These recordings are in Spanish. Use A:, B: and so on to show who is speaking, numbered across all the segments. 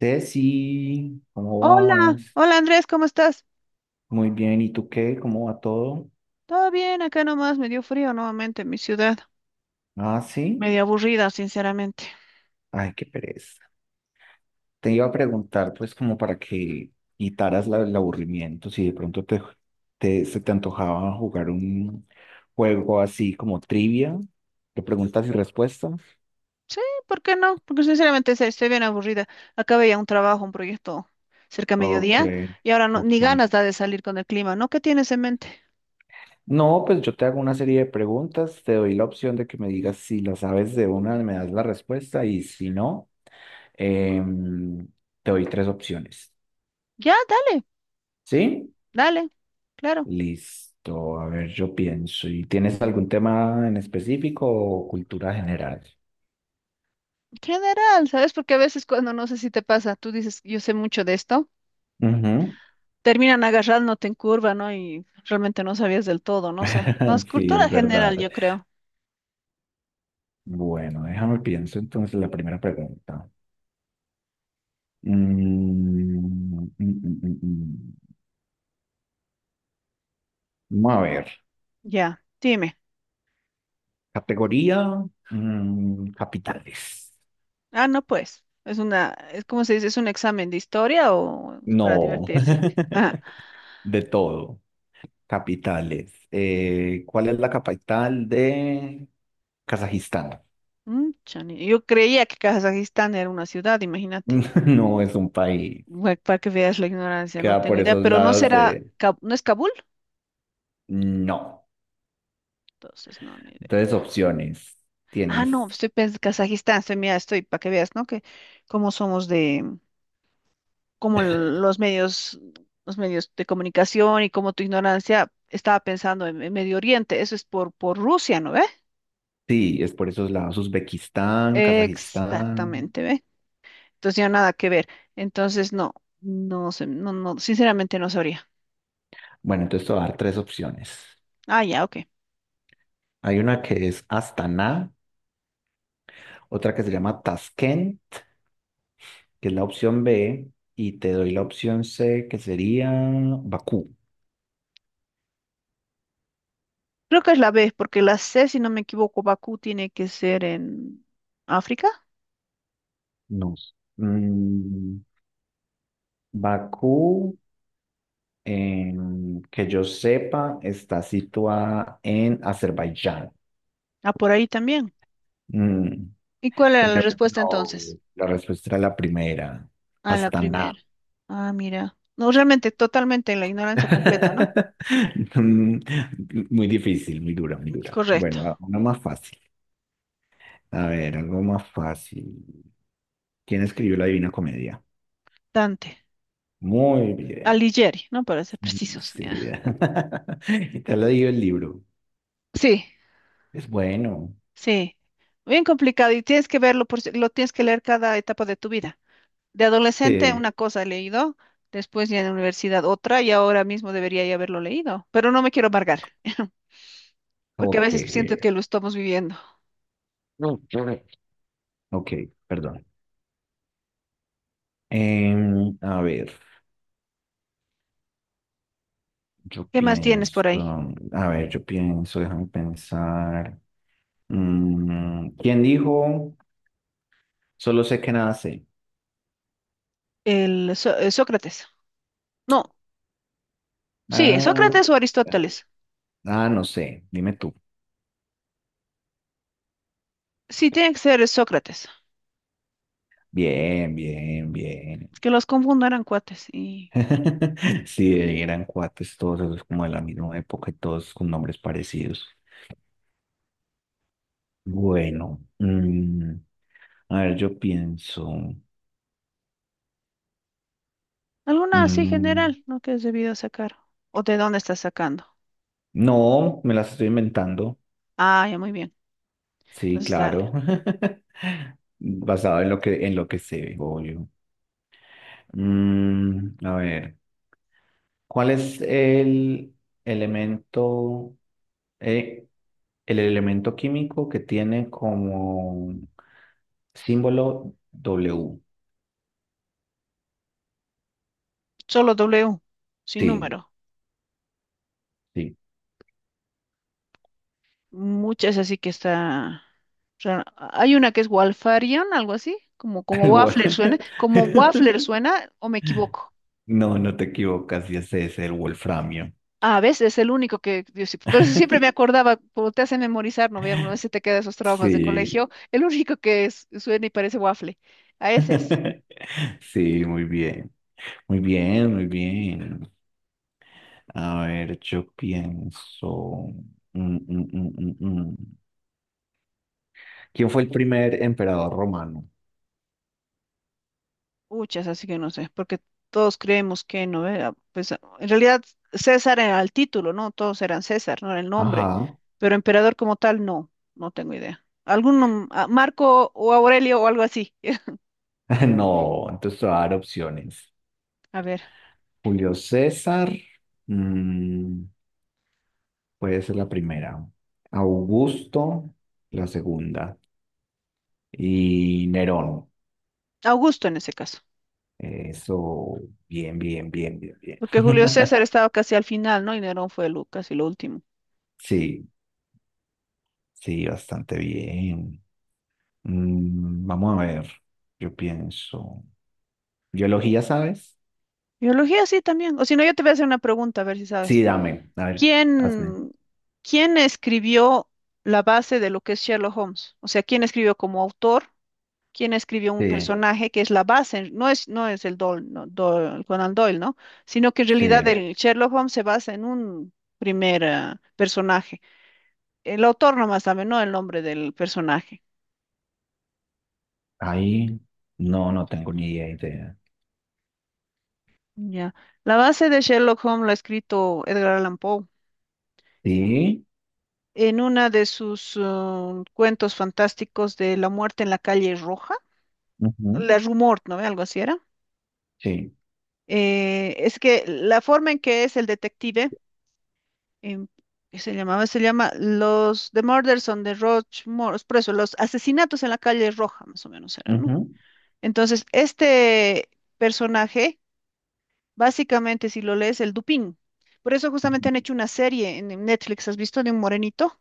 A: Ceci, ¿cómo
B: Hola,
A: vas?
B: hola Andrés, ¿cómo estás?
A: Muy bien, ¿y tú qué? ¿Cómo va todo?
B: Todo bien, acá nomás me dio frío nuevamente en mi ciudad.
A: Ah, sí.
B: Medio aburrida, sinceramente.
A: Ay, qué pereza. Te iba a preguntar, pues, como para que quitaras el aburrimiento, si de pronto se te antojaba jugar un juego así como trivia, de preguntas y respuestas.
B: Sí, ¿por qué no? Porque sinceramente sí, estoy bien aburrida. Acabé ya un trabajo, un proyecto cerca a
A: Ok,
B: mediodía y ahora no,
A: ok.
B: ni ganas da de salir con el clima, ¿no? ¿Qué tienes en mente?
A: No, pues yo te hago una serie de preguntas, te doy la opción de que me digas si la sabes de una, me das la respuesta y si no, em, te doy tres opciones.
B: Ya, dale,
A: ¿Sí?
B: dale, claro.
A: Listo. A ver, yo pienso. ¿Y tienes algún tema en específico o cultura general?
B: General, ¿sabes? Porque a veces cuando no sé si te pasa, tú dices, yo sé mucho de esto,
A: Ujú.
B: terminan agarrándote en curva, ¿no? Y realmente no sabías del todo, no sé. Más
A: Sí,
B: cultura
A: es
B: general,
A: verdad.
B: yo creo.
A: Bueno, déjame pienso entonces la primera pregunta. Mm, mm, mm, mm, mm. Vamos a ver.
B: Ya, dime.
A: Categoría capitales.
B: Ah, no, pues, es como se dice, es un examen de historia o para
A: No,
B: divertirse. Ajá.
A: de todo. Capitales. ¿Cuál es la capital de Kazajistán?
B: Mm, chani. Yo creía que Kazajistán era una ciudad, imagínate.
A: No es un país.
B: Bueno, para que veas la ignorancia, no
A: Queda
B: tengo
A: por
B: idea,
A: esos
B: pero no
A: lados
B: será,
A: de
B: No es Kabul,
A: no.
B: entonces no, ni idea.
A: Entonces, opciones.
B: Ah,
A: Tienes.
B: no, estoy pensando Kazajistán, estoy, mira, estoy, para que veas, ¿no? Que cómo somos de, cómo los medios de comunicación y cómo tu ignorancia estaba pensando en Medio Oriente, eso es por Rusia, ¿no ve?
A: Sí, es por esos lados. Uzbekistán, Kazajistán.
B: Exactamente, ¿ve? Entonces ya nada que ver. Entonces no, no sé, sinceramente no sabría.
A: Bueno, entonces te voy a dar tres opciones.
B: Ah, ya, ok.
A: Hay una que es Astana, otra que se llama Tashkent, que es la opción B, y te doy la opción C, que sería Bakú.
B: Creo que es la B, porque la C, si no me equivoco, Bakú tiene que ser en África.
A: No sé. Bakú, que yo sepa, está situada en Azerbaiyán.
B: Ah, por ahí también.
A: Mm,
B: ¿Y cuál era la, sí,
A: Pero
B: respuesta
A: no,
B: entonces?
A: la respuesta era la primera.
B: Ah, la
A: Hasta nada.
B: primera. Ah, mira. No, realmente, totalmente en la ignorancia completa, ¿no?
A: Mm, Muy difícil, muy dura, muy dura.
B: Correcto.
A: Bueno, una más fácil. A ver, algo más fácil. ¿Quién escribió la Divina Comedia?
B: Dante.
A: Muy bien.
B: Alighieri, ¿no? Para ser precisos.
A: Sí.
B: Ya.
A: Y te lo digo el libro.
B: Sí,
A: Es bueno.
B: sí. Bien complicado y tienes que verlo, por, lo tienes que leer cada etapa de tu vida. De adolescente
A: Sí.
B: una cosa he leído, después ya en la universidad otra y ahora mismo debería ya haberlo leído, pero no me quiero amargar, porque a
A: Ok.
B: veces siento que lo estamos viviendo.
A: Ok, perdón. A ver, yo
B: ¿Qué más tienes
A: pienso.
B: por ahí?
A: A ver, yo pienso, déjame pensar. ¿Quién dijo? Solo sé que nada sé.
B: Sócrates. No, sí,
A: Ah,
B: Sócrates o Aristóteles.
A: ah, no sé. Dime tú.
B: Sí, tiene que ser Sócrates,
A: Bien, bien, bien.
B: que los confundo, eran cuates y bueno,
A: Sí, eran cuates todos esos como de la misma época y todos con nombres parecidos. Bueno, a ver, yo pienso.
B: alguna así
A: mm,
B: general, ¿no? Que es debido sacar. ¿O de dónde estás sacando?
A: no, me las estoy inventando.
B: Ah, ya muy bien.
A: Sí,
B: Entonces dale.
A: claro. Basado en lo que sé, obvio. A ver. ¿Cuál es elemento, eh, el elemento químico que tiene como símbolo W?
B: Solo W, sin
A: Sí,
B: número.
A: sí.
B: Muchas así que está rara. Hay una que es Walfarion, algo así, como, como
A: El
B: Waffler suena, como Waffler suena, o me equivoco.
A: No, no te equivocas, y ese es el wolframio.
B: A veces es el único que, pero sí siempre me acordaba, como te hacen memorizar, ¿no? Ve, alguna vez se te quedan esos traumas de
A: Sí.
B: colegio, el único que suena y parece waffle. A ese es.
A: Sí, muy bien. Muy bien, muy bien. A ver, yo pienso. mm, mm, mm, mm, mm. ¿Quién fue el primer emperador romano?
B: Muchas, así que no sé, porque todos creemos que no era, pues en realidad César era el título, ¿no? Todos eran César, no era el nombre,
A: Ajá.
B: pero emperador como tal, no, no tengo idea. Algún Marco o Aurelio o algo así.
A: No, entonces te voy a dar opciones.
B: A ver,
A: Julio César, mm, puede ser la primera. Augusto, la segunda. Y Nerón.
B: Augusto en ese caso,
A: Eso, bien, bien, bien, bien, bien.
B: porque Julio César estaba casi al final, ¿no? Y Nerón fue lo, casi lo último.
A: Sí, sí, bastante bien. Vamos a ver, yo pienso. ¿Biología sabes?
B: Biología sí también, o si no, yo te voy a hacer una pregunta, a ver si
A: Sí,
B: sabes.
A: dame, a ver, hazme.
B: ¿Quién, ¿quién escribió la base de lo que es Sherlock Holmes? O sea, ¿quién escribió como autor? Quien escribió un
A: Sí,
B: personaje que es la base, no es el Doyle, no, Conan Doyle, ¿no? Sino que en realidad
A: sí.
B: el Sherlock Holmes se basa en un primer personaje. El autor nomás sabe, no el nombre del personaje.
A: Ahí no, no tengo ni idea.
B: Ya. La base de Sherlock Holmes la ha escrito Edgar Allan Poe
A: Sí,
B: en una de sus cuentos fantásticos de La muerte en la calle Roja,
A: ujú,
B: La Rumor, ¿no? Ve, algo así era.
A: sí,
B: Es que la forma en que es el detective em, que se llamaba, se llama los The Murders on the por eso, los asesinatos en la calle Roja, más o menos era, ¿no?
A: ujú,
B: Entonces, este personaje, básicamente, si lo lees, el Dupin. Por eso justamente
A: ujú.
B: han hecho una serie en Netflix, ¿has visto? De un morenito,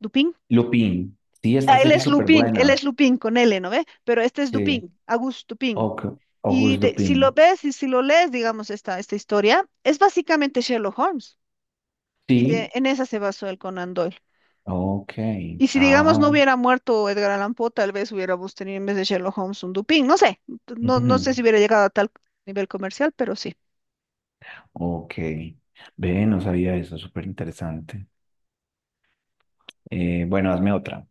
B: Dupin.
A: Lupin, sí,
B: Ah,
A: esta serie es súper
B: Él
A: buena.
B: es Lupin con L, ¿no ve? Pero este es
A: Sí,
B: Dupin, Auguste Dupin.
A: ok, August
B: Si lo
A: Lupin.
B: ves y si lo lees, digamos, esta historia, es básicamente Sherlock Holmes. Y
A: Sí,
B: de, en esa se basó el Conan Doyle.
A: ok,
B: Y si, digamos, no
A: ah,
B: hubiera muerto Edgar Allan Poe, tal vez hubiéramos tenido en vez de Sherlock Holmes un Dupin. No sé, no,
A: ujú,
B: no sé si hubiera llegado a tal nivel comercial, pero sí.
A: ok. Ve, no sabía eso, súper interesante. Bueno, hazme otra.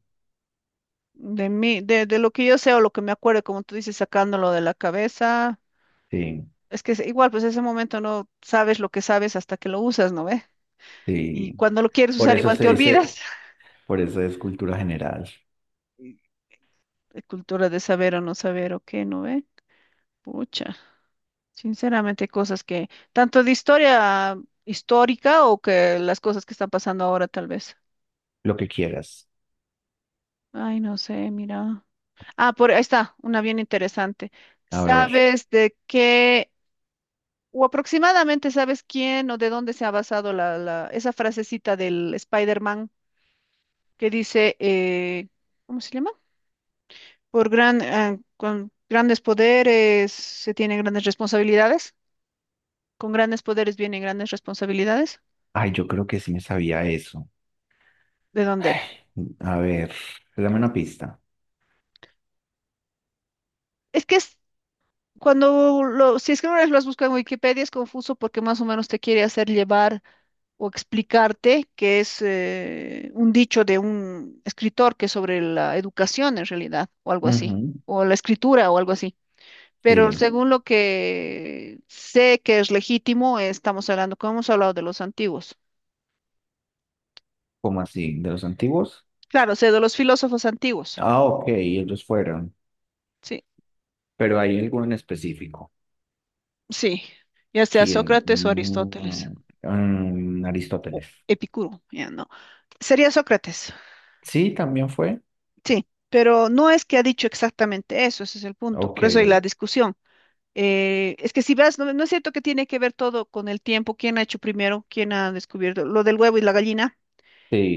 B: De mí, de lo que yo sé o lo que me acuerdo, como tú dices, sacándolo de la cabeza,
A: Sí,
B: es que es igual, pues ese momento no sabes lo que sabes hasta que lo usas, ¿no ve? Y
A: sí.
B: cuando lo quieres
A: Por
B: usar,
A: eso
B: igual
A: se
B: te olvidas.
A: dice, por eso es cultura general,
B: La cultura de saber o no saber o qué, ¿no ve? Pucha, sinceramente, hay cosas que, tanto de historia histórica o que las cosas que están pasando ahora, tal vez.
A: lo que quieras.
B: Ay, no sé, mira. Ah, por ahí está, una bien interesante.
A: A ver,
B: ¿Sabes de qué, o aproximadamente sabes quién o de dónde se ha basado esa frasecita del Spider-Man que dice, ¿cómo se llama? Por gran, ah, con grandes poderes se tienen grandes responsabilidades. Con grandes poderes vienen grandes responsabilidades.
A: ay, yo creo que sí me sabía eso.
B: ¿De dónde
A: Ay,
B: era?
A: a ver, dame una pista.
B: Es que es, cuando lo, si es que una vez lo has buscado en Wikipedia es confuso porque más o menos te quiere hacer llevar o explicarte, que es un dicho de un escritor que es sobre la educación en realidad, o algo así, o la escritura o algo así. Pero
A: Sí,
B: según lo que sé que es legítimo, estamos hablando, como hemos hablado de los antiguos.
A: ¿cómo así? ¿De los antiguos?
B: Claro, sé de los filósofos antiguos.
A: Ah, ok, ellos fueron.
B: Sí,
A: Pero hay alguno en específico.
B: sí, ya sea
A: ¿Quién?
B: Sócrates o Aristóteles o
A: Aristóteles.
B: Epicuro, ya no. Sería Sócrates,
A: Sí, también fue.
B: sí, pero no es que ha dicho exactamente eso, ese es el punto.
A: Ok,
B: Por eso hay la discusión. Es que si vas, no, no es cierto que tiene que ver todo con el tiempo, quién ha hecho primero, quién ha descubierto lo del huevo y la gallina.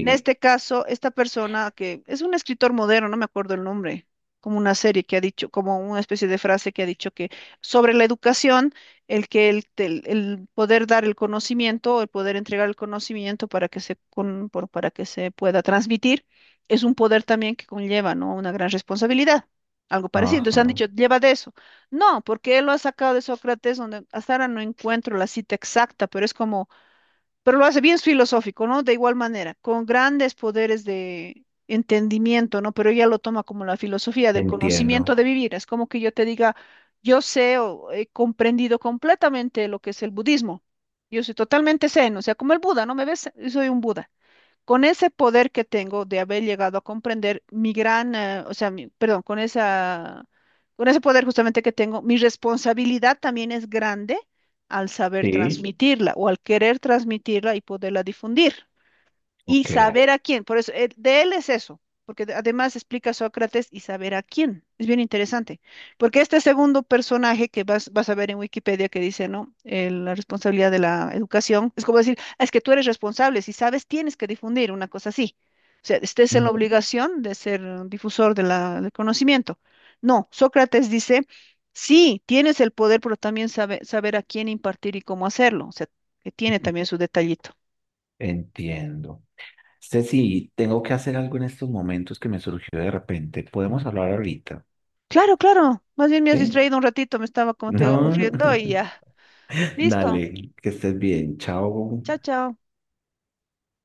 B: En este caso, esta persona que es un escritor moderno, no me acuerdo el nombre, como una serie que ha dicho, como una especie de frase que ha dicho que sobre la educación, el poder dar el conocimiento, el poder entregar el conocimiento para que se, para que se pueda transmitir, es un poder también que conlleva, ¿no? Una gran responsabilidad. Algo parecido. Entonces han
A: Ajá,
B: dicho, lleva de eso. No, porque él lo ha sacado de Sócrates, donde hasta ahora no encuentro la cita exacta, pero es como pero lo hace bien filosófico, ¿no? De igual manera, con grandes poderes de entendimiento, ¿no? Pero ella lo toma como la filosofía del conocimiento
A: entiendo.
B: de vivir. Es como que yo te diga, yo sé o he comprendido completamente lo que es el budismo. Yo soy totalmente zen, o sea, como el Buda, ¿no? ¿Me ves? Yo soy un Buda con ese poder que tengo de haber llegado a comprender mi gran, o sea, perdón, con esa, con ese poder justamente que tengo, mi responsabilidad también es grande al saber
A: Sí,
B: transmitirla o al querer transmitirla y poderla difundir y
A: ok.
B: saber a quién. Por eso, de él es eso, porque además explica Sócrates y saber a quién. Es bien interesante, porque este segundo personaje que vas, vas a ver en Wikipedia que dice, ¿no? La responsabilidad de la educación, es como decir, "Ah, es que tú eres responsable, si sabes, tienes que difundir una cosa así. O sea, estés en la
A: Ujú,
B: obligación de ser difusor de del conocimiento. No, Sócrates dice, sí, tienes el poder, pero también saber a quién impartir y cómo hacerlo. O sea, que tiene
A: ujú,
B: también su detallito.
A: entiendo. Ceci, tengo que hacer algo en estos momentos que me surgió de repente. Podemos hablar ahorita,
B: Claro, claro. Más bien me has
A: ¿sí?
B: distraído un ratito, me estaba, como te digo,
A: No.
B: aburriendo y ya. Listo.
A: Dale, que estés bien. Chao.
B: Chao, chao.